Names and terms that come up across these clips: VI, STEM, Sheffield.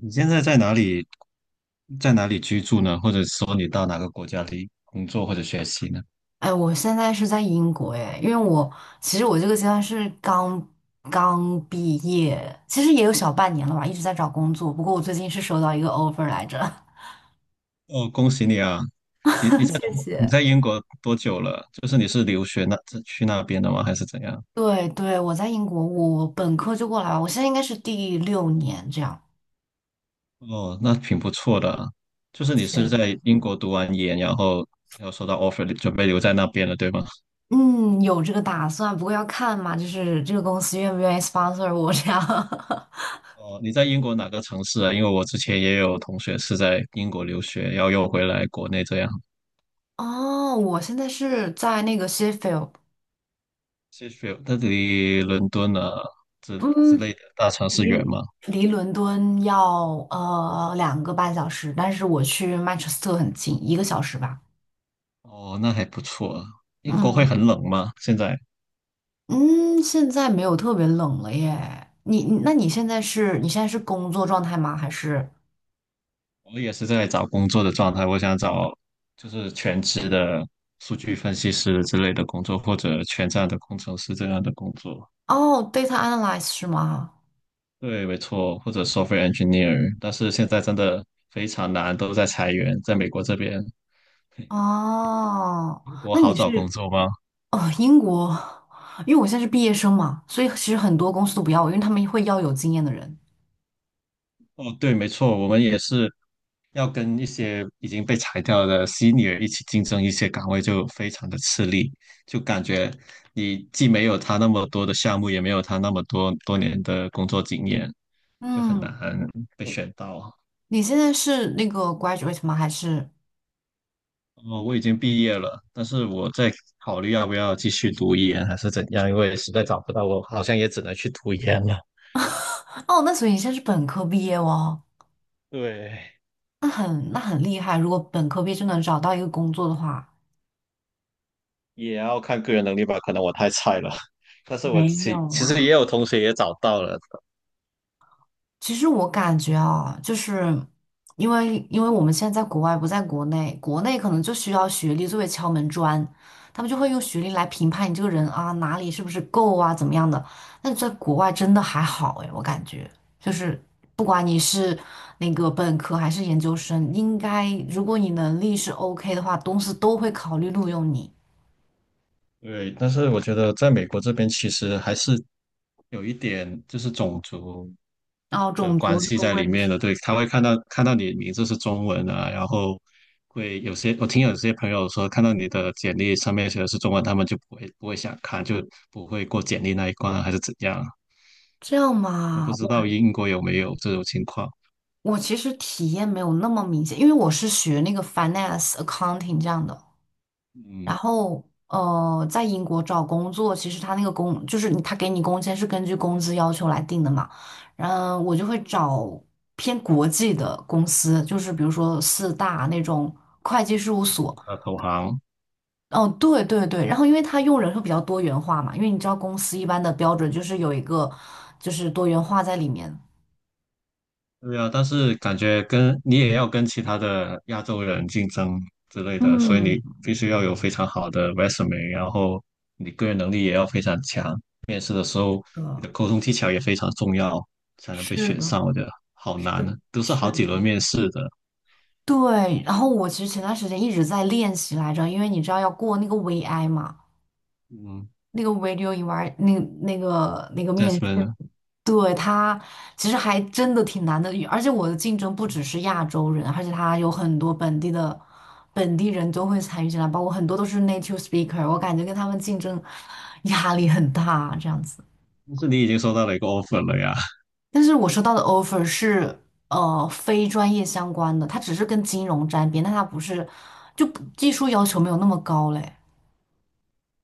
你现在在哪里，在哪里居住呢？或者说你到哪个国家里工作或者学习呢？哎，我现在是在英国哎，因为我我这个阶段是刚毕业，其实也有小半年了吧，一直在找工作。不过我最近是收到一个 offer 来着，哦，恭喜你啊！你你 在谢中国你谢。在英国多久了？就是你是留学那去那边的吗？还是怎样？对对，我在英国，我本科就过来了，我现在应该是第6年这样。哦，那挺不错的啊。就是你是是在英国读完研，然后要收到 offer，准备留在那边了，对吗？嗯，有这个打算，不过要看嘛，就是这个公司愿不愿意 sponsor 我这样。哦，你在英国哪个城市啊？因为我之前也有同学是在英国留学，然后又回来国内这样。哦，我现在是在那个 Sheffield，谢谢，那离伦敦啊之嗯，类的大城市远离吗？离伦敦要2个半小时，但是我去曼彻斯特很近，1个小时吧。哦，那还不错啊。英国会嗯很冷吗？现在嗯，现在没有特别冷了耶。你现在是工作状态吗？还是我也是在找工作的状态，我想找就是全职的数据分析师之类的工作，或者全站的工程师这样的工作。哦，data analyst 是吗？对，没错，或者 software engineer。但是现在真的非常难，都在裁员，在美国这边。哦，英国那好你找工是作吗？哦英国，因为我现在是毕业生嘛，所以其实很多公司都不要我，因为他们会要有经验的人。哦，对，没错，我们也是要跟一些已经被裁掉的 senior 一起竞争一些岗位，就非常的吃力，就感觉你既没有他那么多的项目，也没有他那么多多年的工作经验，就很难嗯，被选到啊。你现在是那个 graduate 吗？还是哦，我已经毕业了，但是我在考虑要不要继续读研还是怎样，因为实在找不到，我好像也只能去读研了。哦，那所以你现在是本科毕业哦。对，那很厉害。如果本科毕业就能找到一个工作的话，也要看个人能力吧，可能我太菜了。但是我没其有其实啦。也有同学也找到了，其实我感觉啊，就是因为我们现在在国外不在国内，国内可能就需要学历作为敲门砖，他们就会用学历来评判你这个人啊，哪里是不是够啊，怎么样的。但在国外真的还好诶，我感觉就是不管你是那个本科还是研究生，应该如果你能力是 OK 的话，公司都会考虑录用你。对，但是我觉得在美国这边其实还是有一点就是种族然后的种族关系的在里问面题。的。对，他会看到你名字是中文啊，然后会有些我听有些朋友说，看到你的简历上面写的是中文，他们就不会想看，就不会过简历那一关啊，还是怎样？这样我不嘛，知我道英国有没有这种情况。我其实体验没有那么明显，因为我是学那个 finance accounting 这样的。然嗯，后，在英国找工作，其实他那个工就是你他给你工签是根据工资要求来定的嘛。然后我就会找偏国际的公司，就是比如说4大那种会计事务所。那投行。哦，对对对，然后因为他用人会比较多元化嘛，因为你知道公司一般的标准就是有一个就是多元化在里面。对啊，但是感觉跟你也要跟其他的亚洲人竞争之类的，所以嗯，你必须要有非常好的 resume，然后你个人能力也要非常强。面试的时候，你呃，的沟通技巧也非常重要，才能被是选的，上。我觉得好是难啊，都是好几是，轮面试的。对，然后我其实前段时间一直在练习来着，因为你知道要过那个 VI 嘛，嗯那个 video eval 那个面，Jasmine，试，呢对，他其实还真的挺难的，而且我的竞争不只是亚洲人，而且他有很多本地的本地人都会参与进来，包括很多都是 native speaker，我感觉跟他们竞争压力很大，这样子。但是你已经收到了一个 offer 了呀。但是我收到的 offer 是非专业相关的，它只是跟金融沾边，但它不是就不技术要求没有那么高嘞。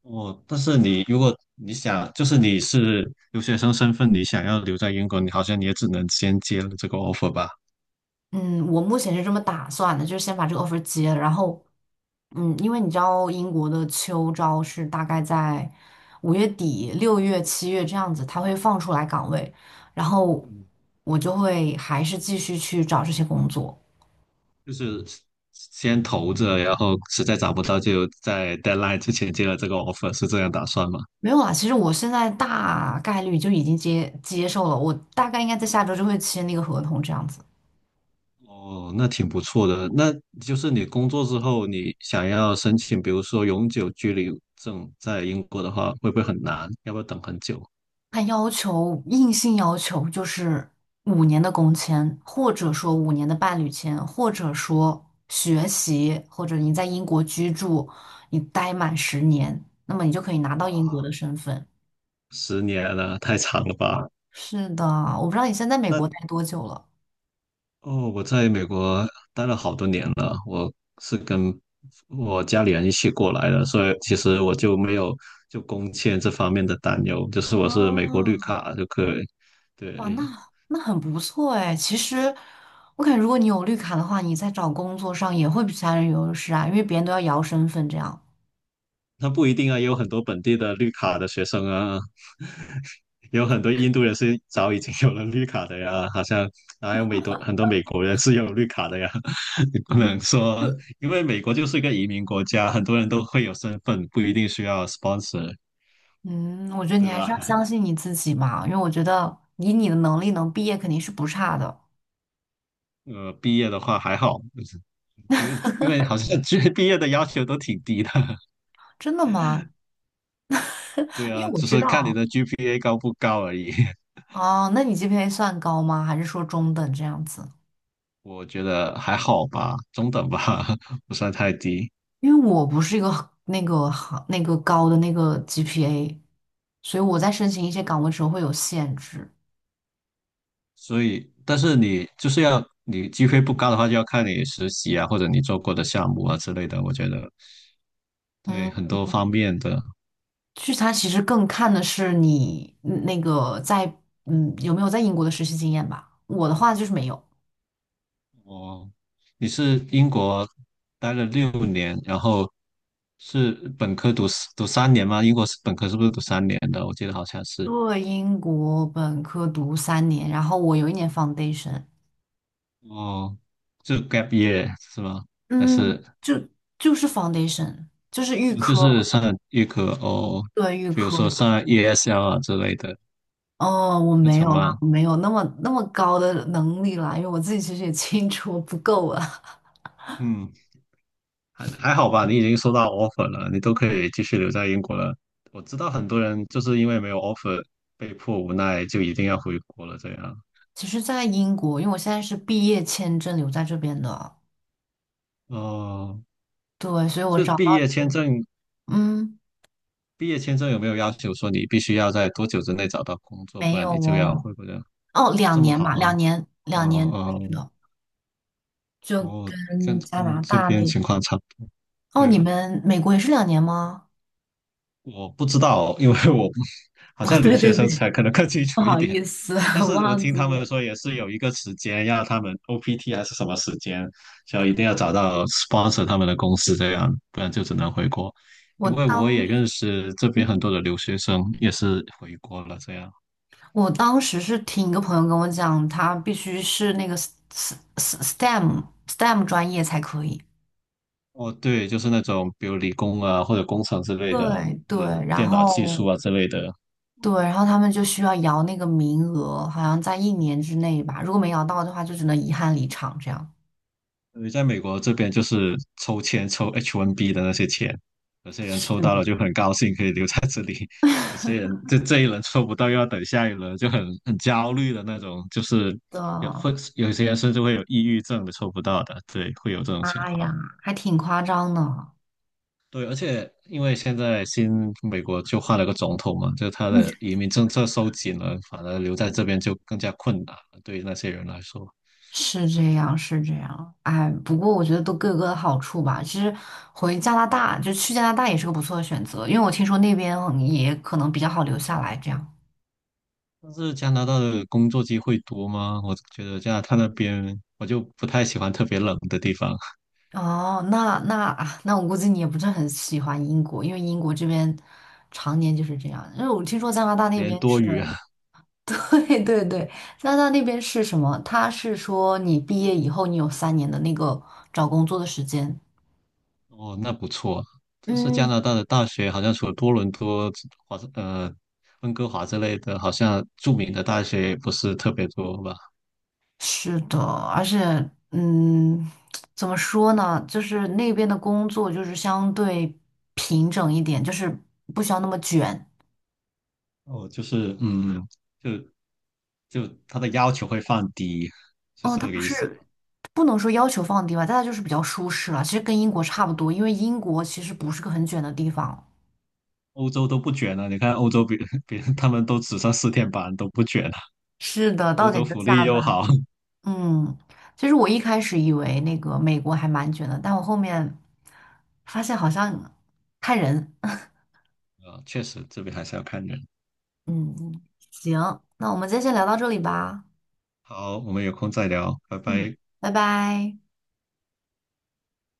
哦，但是你如果你想，就是你是留学生身份，你想要留在英国，你好像你也只能先接了这个 offer 吧。嗯，我目前是这么打算的，就是先把这个 offer 接了，然后嗯，因为你知道英国的秋招是大概在5月底、6月、7月这样子，它会放出来岗位，然后嗯我就会还是继续去找这些工作。就是先投着，然后实在找不到就在 deadline 之前接了这个 offer，是这样打算吗？没有啊，其实我现在大概率就已经接受了，我大概应该在下周就会签那个合同这样子。哦，那挺不错的。那就是你工作之后，你想要申请，比如说永久居留证，在英国的话，会不会很难？要不要等很久？他要求硬性要求就是5年的工签，或者说5年的伴侣签，或者说学习，或者你在英国居住，你待满10年，那么你就可以拿到英国哇，的身份。10年了，太长了吧？是的，我不知道你现在在美那国待多久了。哦，我在美国待了好多年了，我是跟我家里人一起过来的，所以其实我就没有就工签这方面的担忧，就是我是美国啊，绿卡就可以。哇，那对，那很不错哎。其实，我感觉如果你有绿卡的话，你在找工作上也会比其他人有优势啊，因为别人都要摇身份这样。那不一定啊，也有很多本地的绿卡的学生啊，有很多印度人是早已经有了绿卡的呀，好像还有很多美国人是有绿卡的呀，你不能说，因为美国就是一个移民国家，很多人都会有身份，不一定需要 sponsor，嗯，我觉得你对还是要吧？相信你自己嘛，因为我觉得以你的能力能毕业肯定是不差的。毕业的话还好，就是因为好像 G 毕业的要求都挺低的，真的吗？对因为啊，我只知是看你道的 GPA 高不高而已。哦，那你 GPA 算高吗？还是说中等这样子？我觉得还好吧，中等吧，不算太低。因为我不是一个那个行那个高的那个 GPA，所以我在申请一些岗位的时候会有限制。所以，但是你就是要你 GPA 不高的话，就要看你实习啊，或者你做过的项目啊之类的。我觉得嗯。对很多方面的。聚餐其实更看的是你那个在有没有在英国的实习经验吧。我的话就是没有，哦，你是英国待了六年，然后是本科读三年吗？英国是本科是不是读三年的？我记得好像是。对英国本科读3年，然后我有1年 foundation，哦，就 gap year 是吗？还嗯，是就就是 foundation，就是预哦就科，是上预科哦，对预比如说科。上 ESL 啊之类的哦，我课没有程啦，吗？我没有那么高的能力啦，因为我自己其实也清楚我不够啊。嗯，还好吧，你已经收到 offer 了，你都可以继续留在英国了。我知道很多人就是因为没有 offer，被迫无奈就一定要回国了，这样。其实，在英国，因为我现在是毕业签证留在这边的，哦，对，所以我这找到，毕业签证，嗯，毕业签证有没有要求说你必须要在多久之内找到工作，不没有然你就要哦。会不会哦，两这么年好嘛，吗？两年，哦两年哦是的，就哦，跟跟加跟拿这大边那，情况差不多。哦，你对，们美国也是两年吗？我不知道哦，因为我不好哦，像留对学对生对，才可能更清不楚一好点。意思，但 是我忘听记他们了。说也是有一个时间，要他们 OPT 还是什么时间，就一定要找到 sponsor 他们的公司这样，不然就只能回国。我因为我当也时，认识这边很多的留学生，也是回国了这样。我当时是听一个朋友跟我讲，他必须是那个 STEM 专业才可以。哦，对，就是那种比如理工啊，或者工程之类的，对或对，者然电脑技术后啊之类的。对，然后他们就需要摇那个名额，好像在1年之内吧，如果没摇到的话，就只能遗憾离场这样。因为在美国这边就是抽签抽 H1B 的那些钱，有些人抽到了是就很高兴可以留在这里，有些人这一轮抽不到又要等下一轮，就很焦虑的那种，就是有的。会有些人甚至会有抑郁症的抽不到的，对，会有这种情哎呀，况。还挺夸张的。对，而且因为现在美国就换了个总统嘛，就他的 移民政策收紧了，反而留在这边就更加困难了，对于那些人来说。是这样，是这样。哎，不过我觉得都各有各的好处吧。其实回加拿大，就去加拿大也是个不错的选择，因为我听说那边也可能比较好留下来这样。但是加拿大的工作机会多吗？我觉得加拿大那边我就不太喜欢特别冷的地方，哦，那那啊，那我估计你也不是很喜欢英国，因为英国这边常年就是这样。因为我听说加拿大两那年边多是，雨 对对对，加拿大那边是什么？他是说你毕业以后，你有三年的那个找工作的时间。哦，那不错啊。但是加拿嗯。大的大学好像除了多伦多、华盛呃温哥华之类的，好像著名的大学也不是特别多吧？是的，而且，嗯，怎么说呢？就是那边的工作就是相对平整一点，就是不需要那么卷。哦，就是嗯。就就他的要求会放低，就哦，是它这个不意思。是不能说要求放低吧，但它就是比较舒适了。其实跟英国差不多，因为英国其实不是个很卷的地方。欧洲都不卷了，你看欧洲比 比他们都只上四天班都不卷了，是的，欧到洲点就福下利又班。好。嗯，其实我一开始以为那个美国还蛮卷的，但我后面发现好像看人。啊，确实这边还是要看人。嗯，嗯行，那我们今天先聊到这里吧。好，我们有空再聊，拜嗯，拜。拜拜。